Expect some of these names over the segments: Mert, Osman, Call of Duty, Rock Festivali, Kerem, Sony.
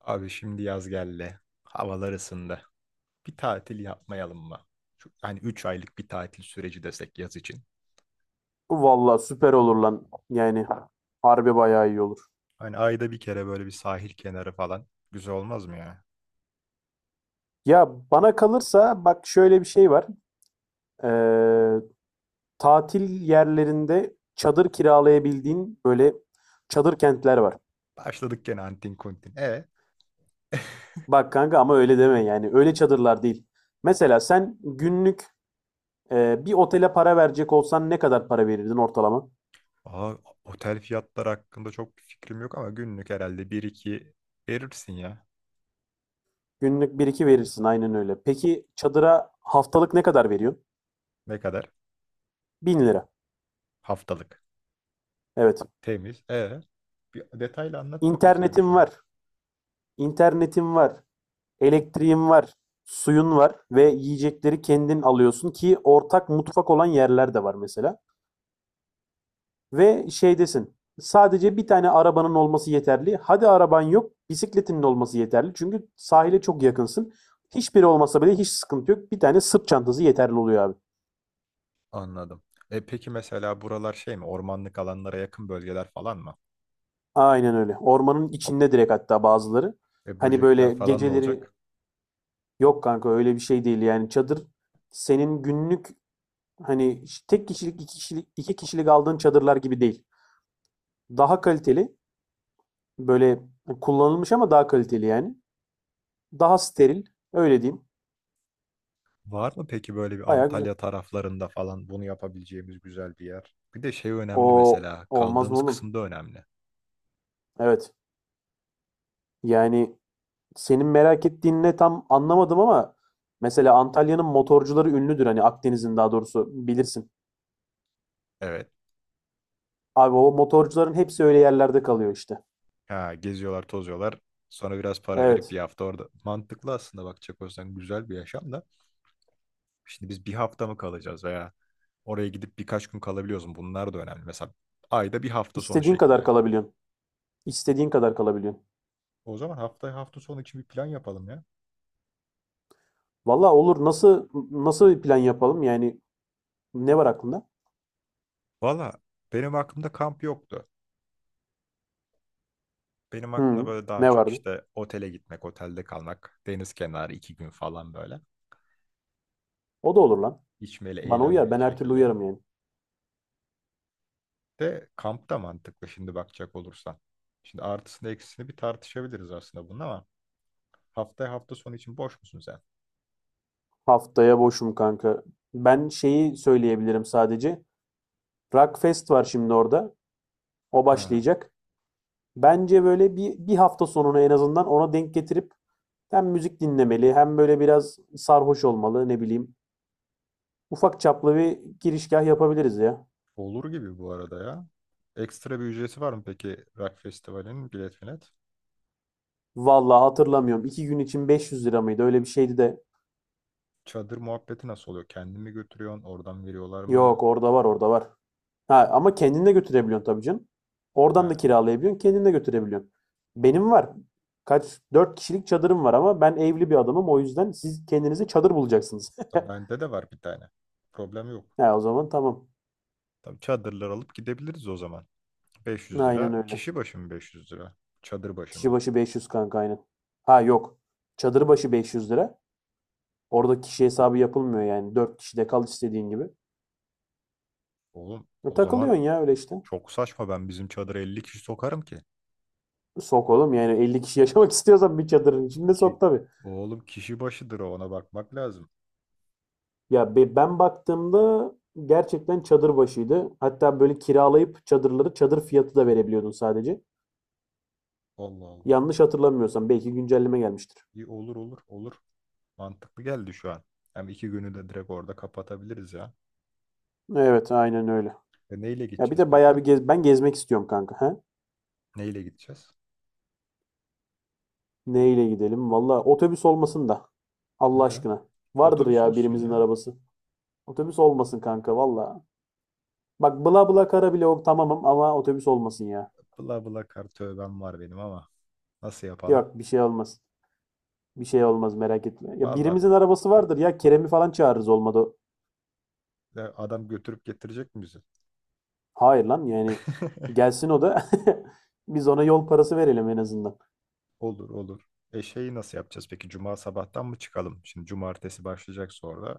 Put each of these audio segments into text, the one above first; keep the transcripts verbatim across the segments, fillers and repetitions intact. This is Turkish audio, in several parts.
Abi şimdi yaz geldi. Havalar ısındı. Bir tatil yapmayalım mı? Şu, hani üç aylık bir tatil süreci desek yaz için. Vallahi süper olur lan. Yani harbi bayağı iyi olur. Hani ayda bir kere böyle bir sahil kenarı falan. Güzel olmaz mı ya? Ya bana kalırsa bak şöyle bir şey var. Ee, tatil yerlerinde çadır kiralayabildiğin böyle çadır kentler var. Başladık gene antin kuntin. E? Bak kanka ama öyle deme yani. Öyle çadırlar değil. Mesela sen günlük e, bir otele para verecek olsan ne kadar para verirdin ortalama? Aa, otel fiyatları hakkında çok bir fikrim yok ama günlük herhalde bir iki verirsin ya. Günlük bir iki verirsin aynen öyle. Peki çadıra haftalık ne kadar veriyorsun? Ne kadar? Bin lira. Haftalık. Evet. Temiz. E? Bir detaylı anlat bakayım sen bir İnternetin şunu. var. İnternetin var. Elektriğin var, suyun var ve yiyecekleri kendin alıyorsun ki ortak mutfak olan yerler de var mesela. Ve şey desin, sadece bir tane arabanın olması yeterli. Hadi araban yok, bisikletinin olması yeterli. Çünkü sahile çok yakınsın. Hiçbiri olmasa bile hiç sıkıntı yok. Bir tane sırt çantası yeterli oluyor abi. Anladım. E peki mesela buralar şey mi? Ormanlık alanlara yakın bölgeler falan mı? Aynen öyle. Ormanın içinde direkt hatta bazıları. E Hani böcekler böyle falan ne geceleri olacak? yok kanka öyle bir şey değil yani çadır senin günlük hani tek kişilik iki kişilik iki kişilik aldığın çadırlar gibi değil. Daha kaliteli. Böyle kullanılmış ama daha kaliteli yani. Daha steril. Öyle diyeyim. Var mı peki böyle bir Baya güzel. Antalya taraflarında falan bunu yapabileceğimiz güzel bir yer? Bir de şey önemli O mesela olmaz mı kaldığımız oğlum? kısım da önemli. Evet. Yani senin merak ettiğin ne tam anlamadım ama mesela Antalya'nın motorcuları ünlüdür. Hani Akdeniz'in daha doğrusu bilirsin. Evet. Abi o motorcuların hepsi öyle yerlerde kalıyor işte. Ha, geziyorlar tozuyorlar. Sonra biraz para verip Evet. bir hafta orada. Mantıklı aslında bakacak olsan güzel bir yaşam da. Şimdi biz bir hafta mı kalacağız veya oraya gidip birkaç gün kalabiliyoruz mu? Bunlar da önemli. Mesela ayda bir hafta sonu İstediğin kadar şeklinde. kalabiliyorsun. İstediğin kadar kalabiliyorsun. O zaman hafta hafta sonu için bir plan yapalım ya. Valla olur. Nasıl nasıl bir plan yapalım? Yani ne var aklında? Valla benim aklımda kamp yoktu. Benim aklımda Hı, böyle daha ne çok vardı? işte otele gitmek, otelde kalmak, deniz kenarı iki gün falan böyle. O da olur lan. İçmeli, Bana uyar. eğlenmeli Ben her türlü şekilde. uyarım yani. De kamp da mantıklı şimdi bakacak olursan. Şimdi artısını eksisini bir tartışabiliriz aslında bunun ama haftaya hafta sonu için boş musun sen? Haftaya boşum kanka. Ben şeyi söyleyebilirim sadece. Rockfest var şimdi orada. O Ha, başlayacak. Bence böyle bir, bir hafta sonunu en azından ona denk getirip hem müzik dinlemeli hem böyle biraz sarhoş olmalı ne bileyim. Ufak çaplı bir girişgah yapabiliriz ya. olur gibi bu arada ya. Ekstra bir ücreti var mı peki Rock Festivali'nin bilet bilet? Vallahi hatırlamıyorum. İki gün için beş yüz lira mıydı? Öyle bir şeydi de. Çadır muhabbeti nasıl oluyor? Kendin mi götürüyorsun? Oradan veriyorlar mı? Yok orada var orada var. Ha, ama kendin götürebiliyorsun tabii canım. Oradan da Ha, kiralayabiliyorsun, kendin götürebiliyorsun. Benim var. Kaç, dört kişilik çadırım var ama ben evli bir adamım. O yüzden siz kendinize çadır bulacaksınız. tabii bende de var bir tane. Problem yok. Ha, o zaman tamam. Tabii çadırlar alıp gidebiliriz o zaman. beş yüz Aynen lira. öyle. Kişi başı mı beş yüz lira? Çadır başı Kişi mı? başı beş yüz kanka aynen. Ha yok. Çadır başı beş yüz lira. Orada kişi hesabı yapılmıyor yani. Dört kişide kal istediğin gibi. Oğlum E, o zaman takılıyorsun ya öyle işte. çok saçma ben bizim çadıra elli kişi sokarım ki. Sok oğlum yani elli kişi yaşamak istiyorsan bir çadırın içinde sok Ki tabii. oğlum kişi başıdır o, ona bakmak lazım. Ya be- ben baktığımda gerçekten çadır başıydı. Hatta böyle kiralayıp çadırları çadır fiyatı da verebiliyordun sadece. Allah Allah. Yanlış hatırlamıyorsam belki güncelleme gelmiştir. İyi olur olur olur. Mantıklı geldi şu an. Hem iki günü de direkt orada kapatabiliriz ya. Evet, aynen öyle. E neyle Ya bir gideceğiz de peki? bayağı bir gez ben gezmek istiyorum kanka. He? Neyle gideceğiz? Neyle gidelim? Valla otobüs olmasın da. Allah Niye lan? aşkına. Vardır Otobüs ya olsun birimizin ya. arabası. Otobüs olmasın kanka valla. Bak bla bla kara bile o tamamım ama otobüs olmasın ya. Bla bla kar tövbem var benim ama. Nasıl yapalım? Yok bir şey olmaz. Bir şey olmaz merak etme. Ya Valla birimizin arabası vardır ya Kerem'i falan çağırırız olmadı. e, adam götürüp getirecek mi bizi? Hayır lan yani gelsin o da biz ona yol parası verelim en azından. Olur olur. E şeyi nasıl yapacağız peki? Cuma sabahtan mı çıkalım? Şimdi cumartesi başlayacak sonra.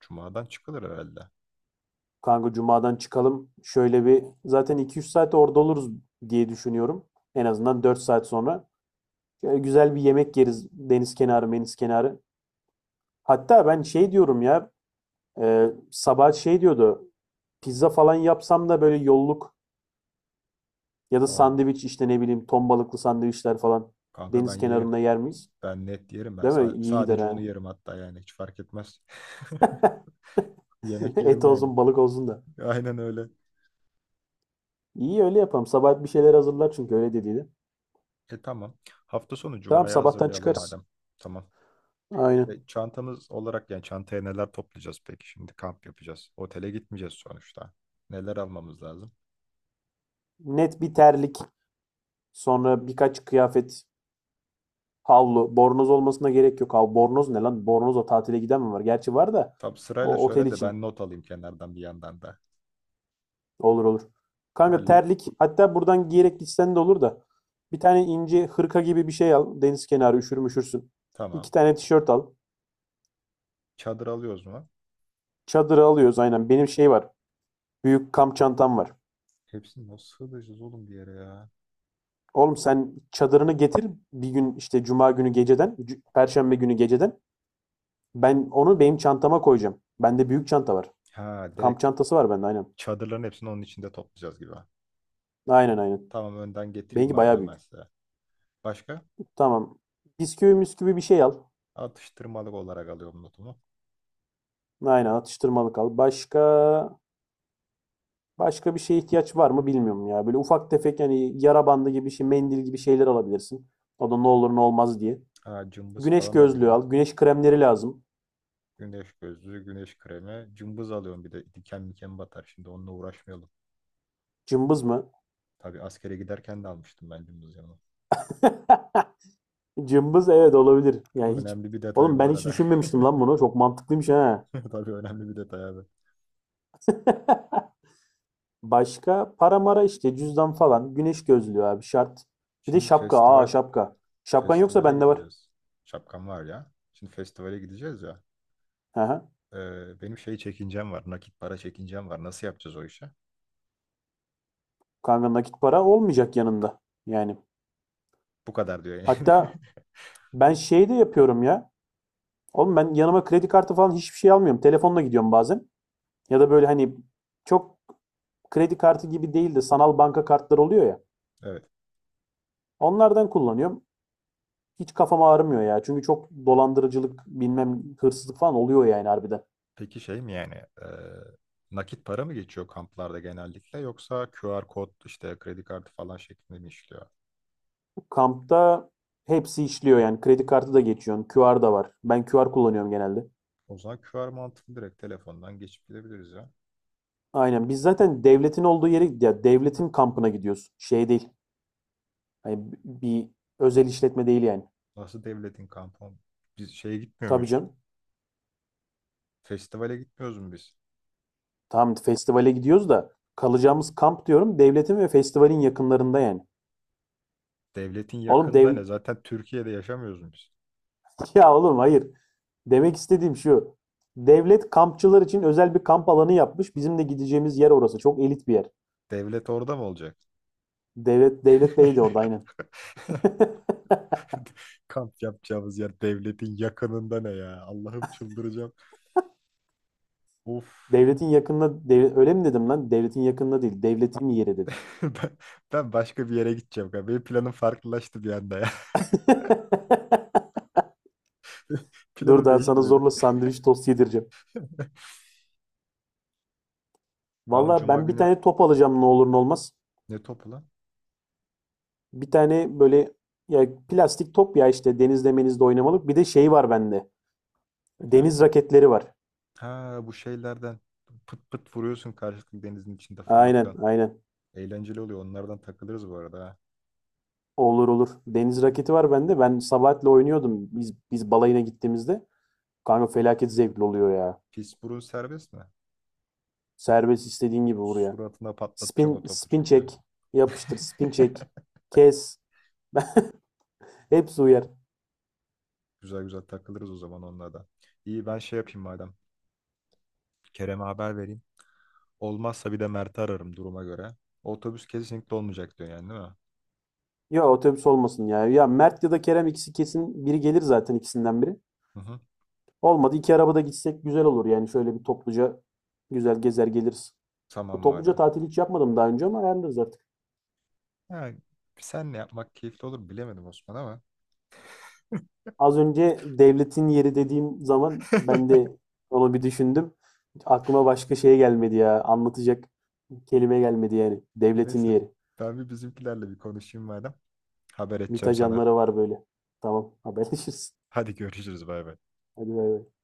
Cumadan çıkılır herhalde. Kanka cumadan çıkalım şöyle bir zaten iki üç saat orada oluruz diye düşünüyorum. En azından dört saat sonra. Şöyle güzel bir yemek yeriz deniz kenarı meniz kenarı. Hatta ben şey diyorum ya e, sabah şey diyordu pizza falan yapsam da böyle yolluk ya da Aa, sandviç işte ne bileyim ton balıklı sandviçler falan kanka ben deniz yerim. kenarında yer miyiz? Ben net yerim. Ben Değil mi? sa- İyi gider Sadece onu ha. yerim hatta yani. Hiç fark etmez. Yemek yerim Et yani. olsun balık olsun da. Aynen öyle. İyi öyle yapalım. Sabah bir şeyler hazırlar çünkü öyle dediydi. E tamam. Hafta sonu Tamam Cuma'ya sabahtan hazırlayalım çıkarız. madem. Tamam. E, Aynen. Çantamız olarak yani çantaya neler toplayacağız peki? Şimdi kamp yapacağız. Otele gitmeyeceğiz sonuçta. Neler almamız lazım? Net bir terlik. Sonra birkaç kıyafet. Havlu. Bornoz olmasına gerek yok. Hav bornoz ne lan? Bornozla tatile giden mi var? Gerçi var da Tam sırayla o otel söyle de ben için. not alayım kenardan bir yandan da. Olur olur. Kanka Terlik. terlik. Hatta buradan giyerek gitsen de olur da. Bir tane ince hırka gibi bir şey al. Deniz kenarı üşür müşürsün. Tamam. İki tane tişört al. Çadır alıyoruz mu? Çadırı alıyoruz aynen. Benim şey var. Büyük kamp çantam var. Hepsini nasıl sığdıracağız oğlum bir yere ya? Oğlum sen çadırını getir bir gün işte cuma günü geceden, c- perşembe günü geceden. Ben onu benim çantama koyacağım. Bende büyük çanta var. Ha Kamp direkt bu çantası var bende aynen. çadırların hepsini onun içinde toplayacağız gibi. Aynen aynen. Tamam önden getireyim Benimki bayağı madem ben büyük. size. Başka? Tamam. Bisküvi müsküvi bir şey al. Atıştırmalık olarak alıyorum notumu. Aynen atıştırmalık al. Başka başka bir şeye ihtiyaç var mı bilmiyorum ya. Böyle ufak tefek yani yara bandı gibi şey, mendil gibi şeyler alabilirsin. O da ne olur ne olmaz diye. Ha cımbız Güneş falan alayım gözlüğü lan. al. Güneş kremleri lazım. Güneş gözlüğü, güneş kremi. Cımbız alıyorum bir de diken miken batar. Şimdi onunla uğraşmayalım. Cımbız mı? Tabii askere giderken de almıştım ben cımbız yanıma. Cımbız evet olabilir. Yani hiç Önemli bir detay oğlum bu ben hiç arada. düşünmemiştim lan bunu. Çok mantıklıymış ha. Tabii önemli bir detay abi. Başka para mara işte cüzdan falan. Güneş gözlüğü abi şart. Bir de Şimdi şapka. Aa festival. şapka. Şapkan yoksa Festivale bende var. gideceğiz. Şapkam var ya. Şimdi festivale gideceğiz ya. Hı hı. Ee, benim şey çekincem var. Nakit para çekincem var. Nasıl yapacağız o işi? Kanka nakit para olmayacak yanında. Yani Bu kadar diyor yani. hatta ben şey de yapıyorum ya. Oğlum ben yanıma kredi kartı falan hiçbir şey almıyorum. Telefonla gidiyorum bazen. Ya da böyle hani çok kredi kartı gibi değil de sanal banka kartları oluyor ya. Evet. Onlardan kullanıyorum. Hiç kafam ağrımıyor ya. Çünkü çok dolandırıcılık, bilmem hırsızlık falan oluyor yani harbiden. Peki şey mi yani? E, nakit para mı geçiyor kamplarda genellikle yoksa Q R kod işte kredi kartı falan şeklinde mi işliyor? Kampta hepsi işliyor yani. Kredi kartı da geçiyorsun. Q R da var. Ben Q R kullanıyorum genelde. O zaman Q R mantıklı direkt telefondan geçip gidebiliriz ya. Aynen. Biz zaten devletin olduğu yere ya devletin kampına gidiyoruz. Şey değil. Hani bir özel işletme değil yani. Nasıl devletin kampı oğlum? Biz şeye gitmiyor Tabii muyuz? canım. Festivale gitmiyoruz mu biz? Tamam festivale gidiyoruz da kalacağımız kamp diyorum devletin ve festivalin yakınlarında yani. Devletin Oğlum yakında dev ne? Zaten Türkiye'de yaşamıyoruz mu biz? ya oğlum hayır. Demek istediğim şu. Devlet kampçılar için özel bir kamp alanı yapmış. Bizim de gideceğimiz yer orası. Çok elit bir yer. Devlet orada mı olacak? Devlet Devlet Bey de orada aynen. Kamp yapacağımız yer devletin yakınında ne ya? Allah'ım çıldıracağım. Of. Devletin yakınına devlet öyle mi dedim lan? Devletin yakınına değil. Devletin yeri dedim. Ben, ben başka bir yere gideceğim galiba. Benim planım farklılaştı bir anda ya. Dur Planım daha sana değişti benim. zorla sandviç tost yedireceğim. Tamam Valla Cuma ben bir günü. tane top alacağım ne olur ne olmaz. Ne topu lan? Bir tane böyle ya plastik top ya işte denizde menizde oynamalık. Bir de şey var bende. Ha. Deniz raketleri var. Ha bu şeylerden pıt pıt vuruyorsun karşılıklı denizin içinde Aynen fırlatıyorsun. aynen. Eğlenceli oluyor. Onlardan takılırız bu arada ha. Olur olur. Deniz raketi var bende. Ben Sabahat'le oynuyordum biz biz balayına gittiğimizde. Kanka felaket zevkli oluyor ya. Pis burun serbest mi? Serbest istediğin gibi vur ya. Suratına patlatacağım o Spin topu spin çünkü. çek. Yapıştır spin çek. Kes. Hepsi uyar. Güzel güzel takılırız o zaman onunla da. İyi ben şey yapayım madem. Kerem'e haber vereyim. Olmazsa bir de Mert'i ararım duruma göre. Otobüs kesinlikle olmayacak diyor yani değil mi? Ya otobüs olmasın ya. Ya Mert ya da Kerem ikisi kesin biri gelir zaten ikisinden biri. Hı hı. Olmadı iki arabada gitsek güzel olur yani şöyle bir topluca güzel gezer geliriz. Tamam Topluca madem. tatil hiç yapmadım daha önce ama ayarlarız artık. Ha, senle yapmak keyifli olur bilemedim Osman ama. Az önce devletin yeri dediğim zaman ben de onu bir düşündüm. Aklıma başka şey gelmedi ya. Anlatacak kelime gelmedi yani. Devletin Neyse. yeri. Ben bir bizimkilerle bir konuşayım madem. Haber M İ T edeceğim sana. ajanları var böyle. Tamam, haberleşiriz. Hadi görüşürüz bay bay. Hadi bay bay.